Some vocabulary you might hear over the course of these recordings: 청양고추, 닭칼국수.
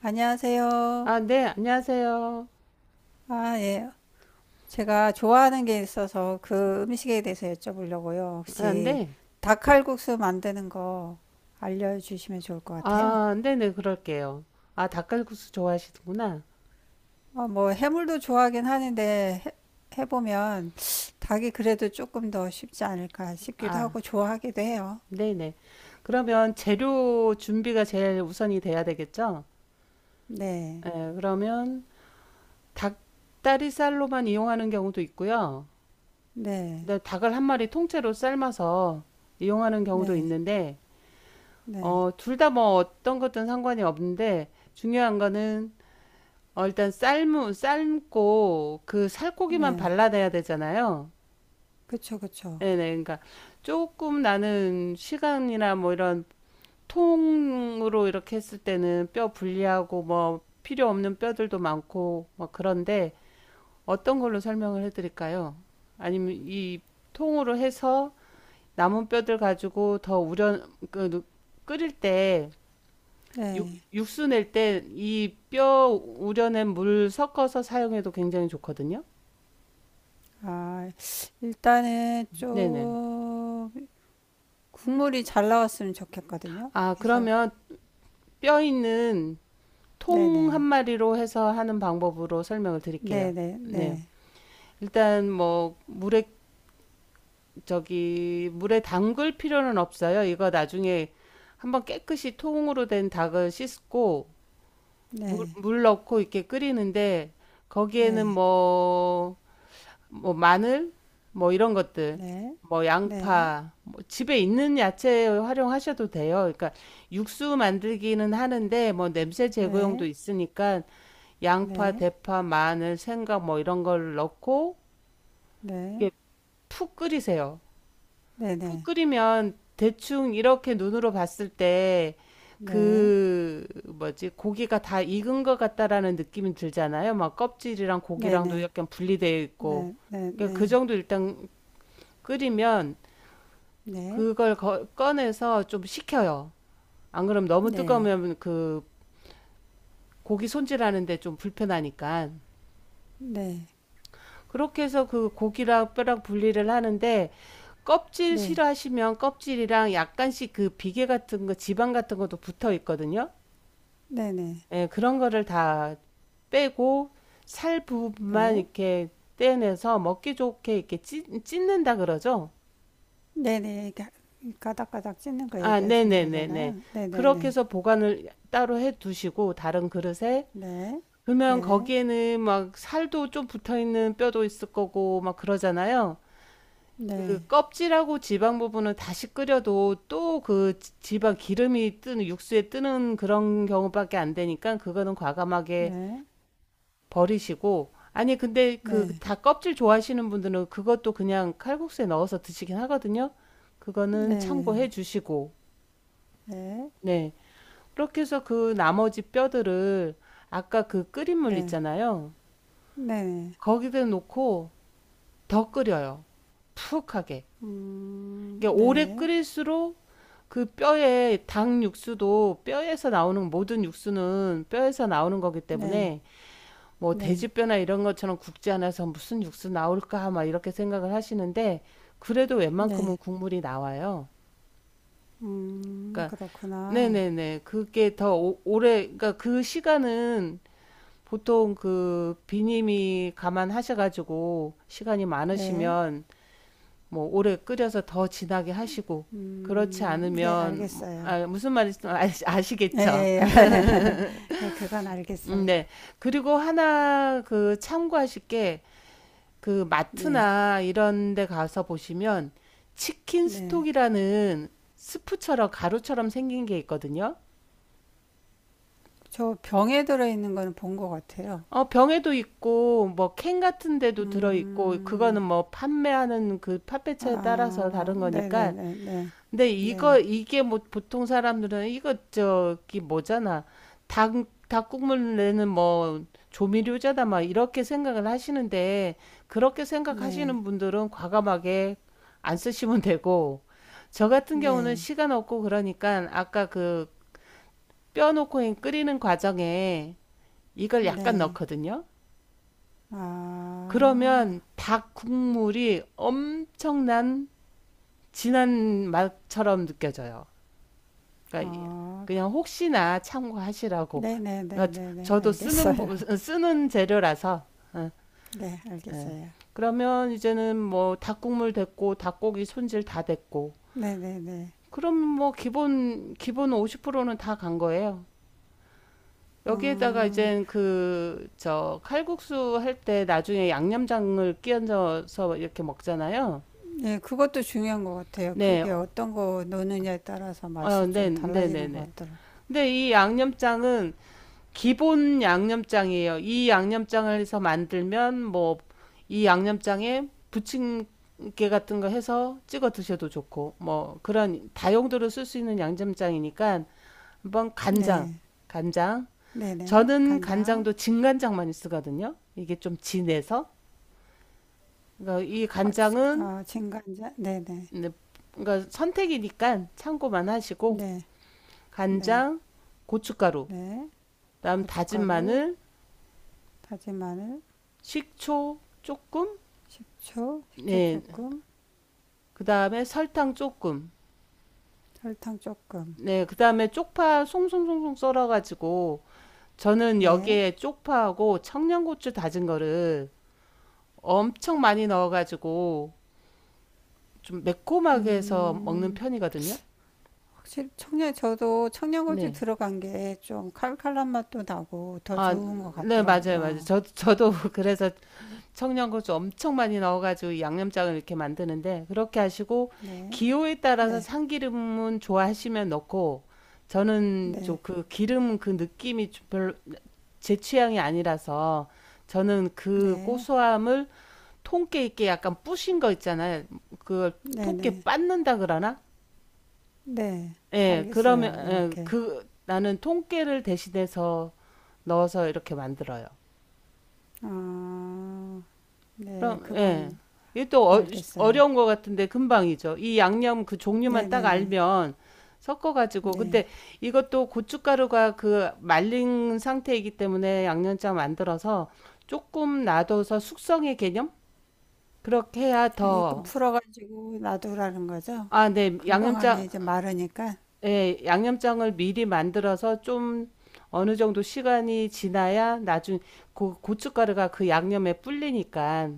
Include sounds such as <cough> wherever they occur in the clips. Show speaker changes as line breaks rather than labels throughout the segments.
안녕하세요.
아, 네, 안녕하세요.
아, 예. 제가 좋아하는 게 있어서 그 음식에 대해서 여쭤보려고요.
아,
혹시
네.
닭칼국수 만드는 거 알려주시면 좋을 것 같아요.
아, 네네, 그럴게요. 아, 닭갈국수 좋아하시는구나.
어, 뭐 해물도 좋아하긴 하는데 해보면 닭이 그래도 조금 더 쉽지 않을까 싶기도
아,
하고 좋아하기도 해요.
네네. 그러면 재료 준비가 제일 우선이 돼야 되겠죠?
네,
예, 그러면 닭다리살로만 이용하는 경우도 있고요.
네,
네, 닭을 한 마리 통째로 삶아서 이용하는 경우도
네,
있는데,
네,
둘 다 뭐 어떤 것든 상관이 없는데, 중요한 거는, 일단 삶고 그 살코기만
네.
발라내야 되잖아요.
그쵸, 그쵸.
네네. 그러니까 조금 나는 시간이나 뭐 이런 통으로 이렇게 했을 때는 뼈 분리하고 뭐 필요 없는 뼈들도 많고 뭐 그런데 어떤 걸로 설명을 해드릴까요? 아니면 이 통으로 해서 남은 뼈들 가지고 더 우려 그 끓일 때 육,
네.
육수 낼 때 이 뼈 우려낸 물 섞어서 사용해도 굉장히 좋거든요.
아, 일단은
네네.
좀 국물이 잘 나왔으면 좋겠거든요.
아,
그래서
그러면 뼈 있는 통 한
네네
마리로 해서 하는 방법으로 설명을 드릴게요.
네네
네.
네
일단 뭐 물에 저기 물에 담글 필요는 없어요. 이거 나중에 한번 깨끗이 통으로 된 닭을 씻고 물,
네
물 넣고 이렇게 끓이는데 거기에는
네
뭐, 뭐 마늘 뭐 이런 것들
네
뭐
네
양파 뭐 집에 있는 야채 활용하셔도 돼요. 그러니까 육수 만들기는 하는데 뭐 냄새 제거용도
네
있으니까 양파,
네
대파, 마늘, 생강 뭐 이런 걸 넣고
네
이게 푹 끓이세요.
네네 네
푹
네네
끓이면 대충 이렇게 눈으로 봤을 때 그 뭐지 고기가 다 익은 것 같다라는 느낌이 들잖아요. 막 껍질이랑 고기랑도 약간 분리되어 있고 그러니까 그 정도 일단 끓이면 그걸 꺼내서 좀 식혀요. 안 그럼 너무
네네네
뜨거우면 그 고기 손질하는데 좀 불편하니까. 그렇게 해서 그 고기랑 뼈랑 분리를 하는데 껍질 싫어하시면 껍질이랑 약간씩 그 비계 같은 거, 지방 같은 것도 붙어 있거든요.
네네네네네네
예, 그런 거를 다 빼고 살 부분만 이렇게 떼내서 먹기 좋게 이렇게 찢는다 그러죠.
네네, 이렇게 가닥가닥 찢는 거
아,
얘기하시는
네네네네.
거잖아요.
그렇게
네네네
해서 보관을 따로 해 두시고 다른 그릇에 그러면
네네네네네네네네
거기에는 막 살도 좀 붙어 있는 뼈도 있을 거고 막 그러잖아요.
네,
그 껍질하고 지방 부분은 다시 끓여도 또 그 지방 기름이 뜨는 육수에 뜨는 그런 경우밖에 안 되니까 그거는
네,
과감하게
네,
버리시고 아니 근데
네,
그
네,
다 껍질 좋아하시는 분들은 그것도 그냥 칼국수에 넣어서 드시긴 하거든요. 그거는 참고해 주시고
네, 네,
네 그렇게 해서 그 나머지 뼈들을 아까 그 끓인 물
네,
있잖아요.
네, 네.
거기다 놓고 더 끓여요. 푹하게. 이게 오래
네,
끓일수록 그 뼈에 닭 육수도 뼈에서 나오는 모든 육수는 뼈에서 나오는 거기
네,
때문에 뭐
네,
돼지뼈나 이런 것처럼 굽지 않아서 무슨 육수 나올까 막 이렇게 생각을 하시는데 그래도 웬만큼은
네.
국물이 나와요. 그러니까
그렇구나.
네네네 그게 더 오래 그러니까 그 시간은 보통 그 비님이 감안하셔가지고 시간이
네,
많으시면 뭐 오래 끓여서 더 진하게 하시고 그렇지
네,
않으면
알겠어요.
아, 무슨 말인지 아시-
예,
아시겠죠?
예, <laughs> 예, 그건 알겠어요.
네. 그리고 하나 그 참고하실 게 그
네,
마트나 이런 데 가서 보시면 치킨
네.
스톡이라는 스프처럼 가루처럼 생긴 게 있거든요.
저 병에 들어있는 거는 본 것 같아요.
병에도 있고 뭐 캔 같은 데도 들어 있고 그거는
음,
뭐 판매하는 그 판매처에 따라서
아,
다른 거니까
네네네네. 네,
근데 이거
네,
이게 뭐 보통 사람들은 이거 저기 뭐잖아. 닭 닭국물 내는 뭐 조미료잖아 막 이렇게 생각을 하시는데 그렇게
네,
생각하시는 분들은 과감하게 안 쓰시면 되고 저 같은
네.
경우는
네,
시간 없고 그러니까 아까 그 뼈 넣고 끓이는 과정에 이걸
네,
약간
네.
넣거든요.
아,
그러면 닭 국물이 엄청난 진한 맛처럼 느껴져요. 그러니까
아,
그냥 혹시나 참고하시라고. 그러니까
네네네네네.
저도 쓰는
알겠어요.
쓰는 재료라서. 어,
<laughs> 네,
예.
알겠어요.
그러면 이제는 뭐 닭국물 됐고 닭고기 손질 다 됐고.
네네네.
그럼 뭐 기본 50%는 다 간 거예요. 여기에다가
어,
이제 그 저 칼국수 할 때 나중에 양념장을 끼얹어서 이렇게 먹잖아요.
네, 그것도 중요한 것 같아요.
네.
그게 어떤 거 넣느냐에 따라서 맛이
네,
좀
네, 네,
달라지는 것
네.
같더라고요.
근데 이 양념장은 기본 양념장이에요. 이 양념장을 해서 만들면 뭐 이 양념장에 부침개 같은 거 해서 찍어 드셔도 좋고 뭐 그런 다용도로 쓸 수 있는 양념장이니까 한번 간장,
네,
간장.
네네.
저는
간장,
간장도 진간장 많이 쓰거든요. 이게 좀 진해서. 그러니까 이
아,
간장은
아, 진간장, 네네.
네, 그러니까 선택이니까 참고만 하시고
네, 네,
간장, 고춧가루,
네.
그다음 다진
고춧가루,
마늘,
다진 마늘,
식초 조금
식초, 식초
네,
조금,
그 다음에 설탕 조금.
설탕 조금.
네, 그 다음에 쪽파 송송송송 썰어가지고, 저는
네.
여기에 쪽파하고 청양고추 다진 거를 엄청 많이 넣어가지고, 좀 매콤하게 해서 먹는
음,
편이거든요.
확실히 청양, 저도 청양고추
네.
들어간 게 좀 칼칼한 맛도 나고 더
아,
좋은 것
네, 맞아요, 맞아요.
같더라고요.
저도 <laughs> 그래서 청양고추 엄청 많이 넣어가지고 양념장을 이렇게 만드는데, 그렇게 하시고,
네,
기호에 따라서
네,
참기름은 좋아하시면 넣고, 저는 좀
네.
그 기름 그 느낌이 좀 별로 제 취향이 아니라서 저는 그
네,
고소함을 통깨 있게 약간 뿌신 거 있잖아요. 그걸 통깨
네네,
빻는다 그러나?
네,
예, 그러면
알겠어요.
예,
이렇게.
그 나는 통깨를 대신해서 넣어서 이렇게 만들어요.
아, 네,
그럼 예.
그건
이게 또
알겠어요.
어려운 것 같은데 금방이죠. 이 양념 그 종류만 딱
네네네,
알면 섞어가지고
네.
근데 이것도 고춧가루가 그 말린 상태이기 때문에 양념장 만들어서 조금 놔둬서 숙성의 개념? 그렇게 해야
이건
더,
풀어가지고 놔두라는 거죠?
아, 네,
금방 하면
양념장,
이제 마르니까.
예, 양념장을 미리 만들어서 좀 어느 정도 시간이 지나야 나중, 고춧가루가 그 양념에 불리니까,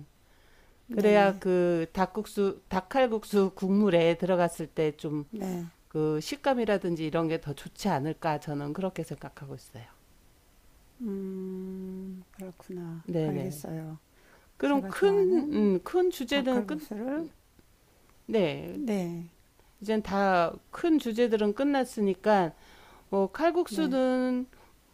그래야
네네,
그 닭국수, 닭칼국수 국물에 들어갔을 때 좀
네.
그 식감이라든지 이런 게 더 좋지 않을까, 저는 그렇게 생각하고 있어요.
그렇구나.
네네.
알겠어요.
그럼
제가
큰,
좋아하는
큰 주제는 끝,
닭칼국수를,
네.
네,
이젠 다 큰 주제들은 끝났으니까, 뭐
네,
칼국수는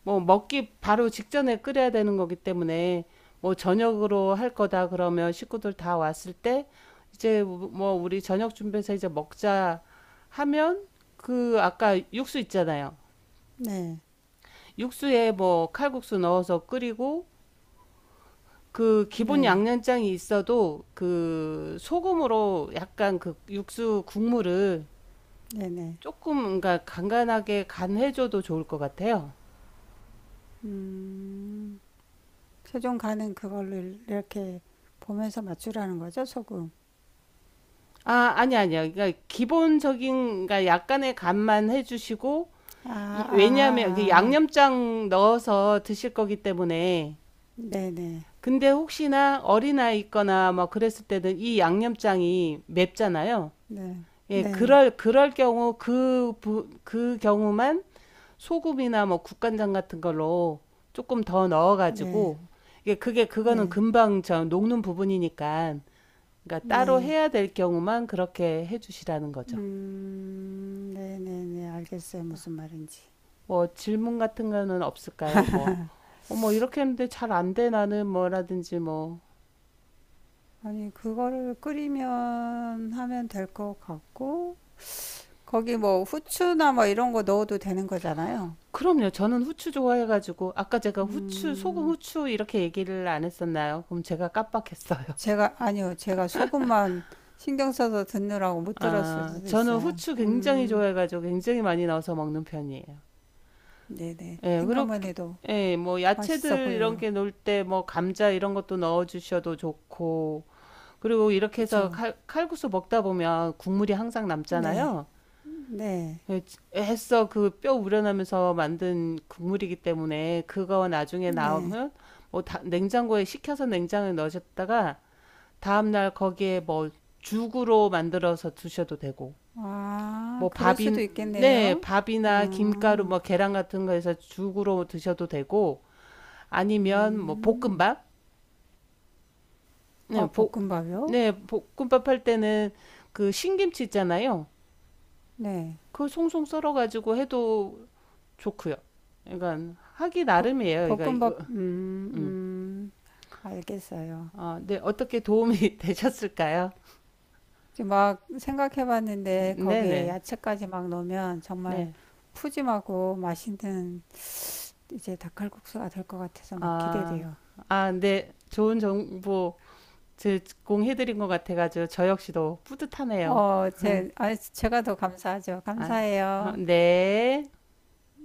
뭐 먹기 바로 직전에 끓여야 되는 거기 때문에 뭐 저녁으로 할 거다 그러면 식구들 다 왔을 때 이제 뭐 우리 저녁 준비해서 이제 먹자 하면 그 아까 육수 있잖아요.
네,
육수에 뭐 칼국수 넣어서 끓이고 그 기본
네,
양념장이 있어도 그 소금으로 약간 그 육수 국물을
네네.
조금 그러니까 간간하게 간해줘도 좋을 것 같아요.
음, 최종 가는 그걸로 이렇게 보면서 맞추라는 거죠, 소금.
아, 아니 아니야. 그러니까 기본적인, 그러니까 약간의 간만 해주시고,
아, 아,
왜냐하면 그
아, 아.
양념장 넣어서 드실 거기 때문에.
네네.
근데 혹시나 어린아이 있거나 뭐 그랬을 때는 이 양념장이 맵잖아요.
네.
예,
네.
그럴 경우 그, 부, 그 경우만 소금이나 뭐 국간장 같은 걸로 조금 더
네. 네.
넣어가지고, 이게 그게, 그거는
네.
금방 저 녹는 부분이니까, 그러니까
네.
따로
네.
해야 될 경우만 그렇게 해주시라는 거죠.
네네네. 알겠어요. 무슨 말인지.
뭐 질문 같은 거는 없을까요? 뭐, 어머, 이렇게 했는데 잘 안 돼, 나는 뭐라든지 뭐.
아니, 그거를 끓이면 하면 될 것 같고, 거기 뭐 후추나 뭐 이런 거 넣어도 되는 거잖아요.
그럼요. 저는 후추 좋아해가지고, 아까 제가 후추, 소금,
음,
후추 이렇게 얘기를 안 했었나요? 그럼 제가 깜빡했어요. <laughs>
제가, 아니요. 제가 소금만 신경 써서 듣느라고 못 들었을
아,
수도
저는
있어요.
후추 굉장히
음.
좋아해가지고 굉장히 많이 넣어서 먹는 편이에요.
네네.
예,
생각만
그렇게,
해도
예, 뭐,
맛있어
야채들 이런
보여요.
게 넣을 때, 뭐, 감자 이런 것도 넣어주셔도 좋고, 그리고 이렇게 해서
그쵸?
칼국수 먹다 보면 국물이 항상
네.
남잖아요.
네.
애써 그 뼈 우려내면서 만든 국물이기 때문에 그거 나중에
네.
나오면 뭐 냉장고에 식혀서 냉장고에 넣으셨다가 다음날 거기에 뭐 죽으로 만들어서 드셔도 되고
아,
뭐
그럴 수도
밥인 네
있겠네요.
밥이나 김가루
아,
뭐 계란 같은 거에서 죽으로 드셔도 되고 아니면 뭐
음.
볶음밥
아, 볶음밥이요?
네볶네 볶음밥 할 때는 그 신김치 있잖아요
네.
그걸 송송 썰어가지고 해도 좋고요. 그러니까 하기
버-
나름이에요. 그러니까
볶음밥,
음.
알겠어요.
아, 네 어떻게 도움이 <laughs> 되셨을까요?
지금 막 생각해 봤는데 거기에
네네
야채까지 막 넣으면 정말
네.
푸짐하고 맛있는 이제 닭칼국수가 될 것 같아서 막
아,
기대돼요.
아, 네 좋은 정보 제공해드린 것 같아가지고 저 역시도 뿌듯하네요.
어, 제가 더 감사하죠.
아, 아,
감사해요.
네.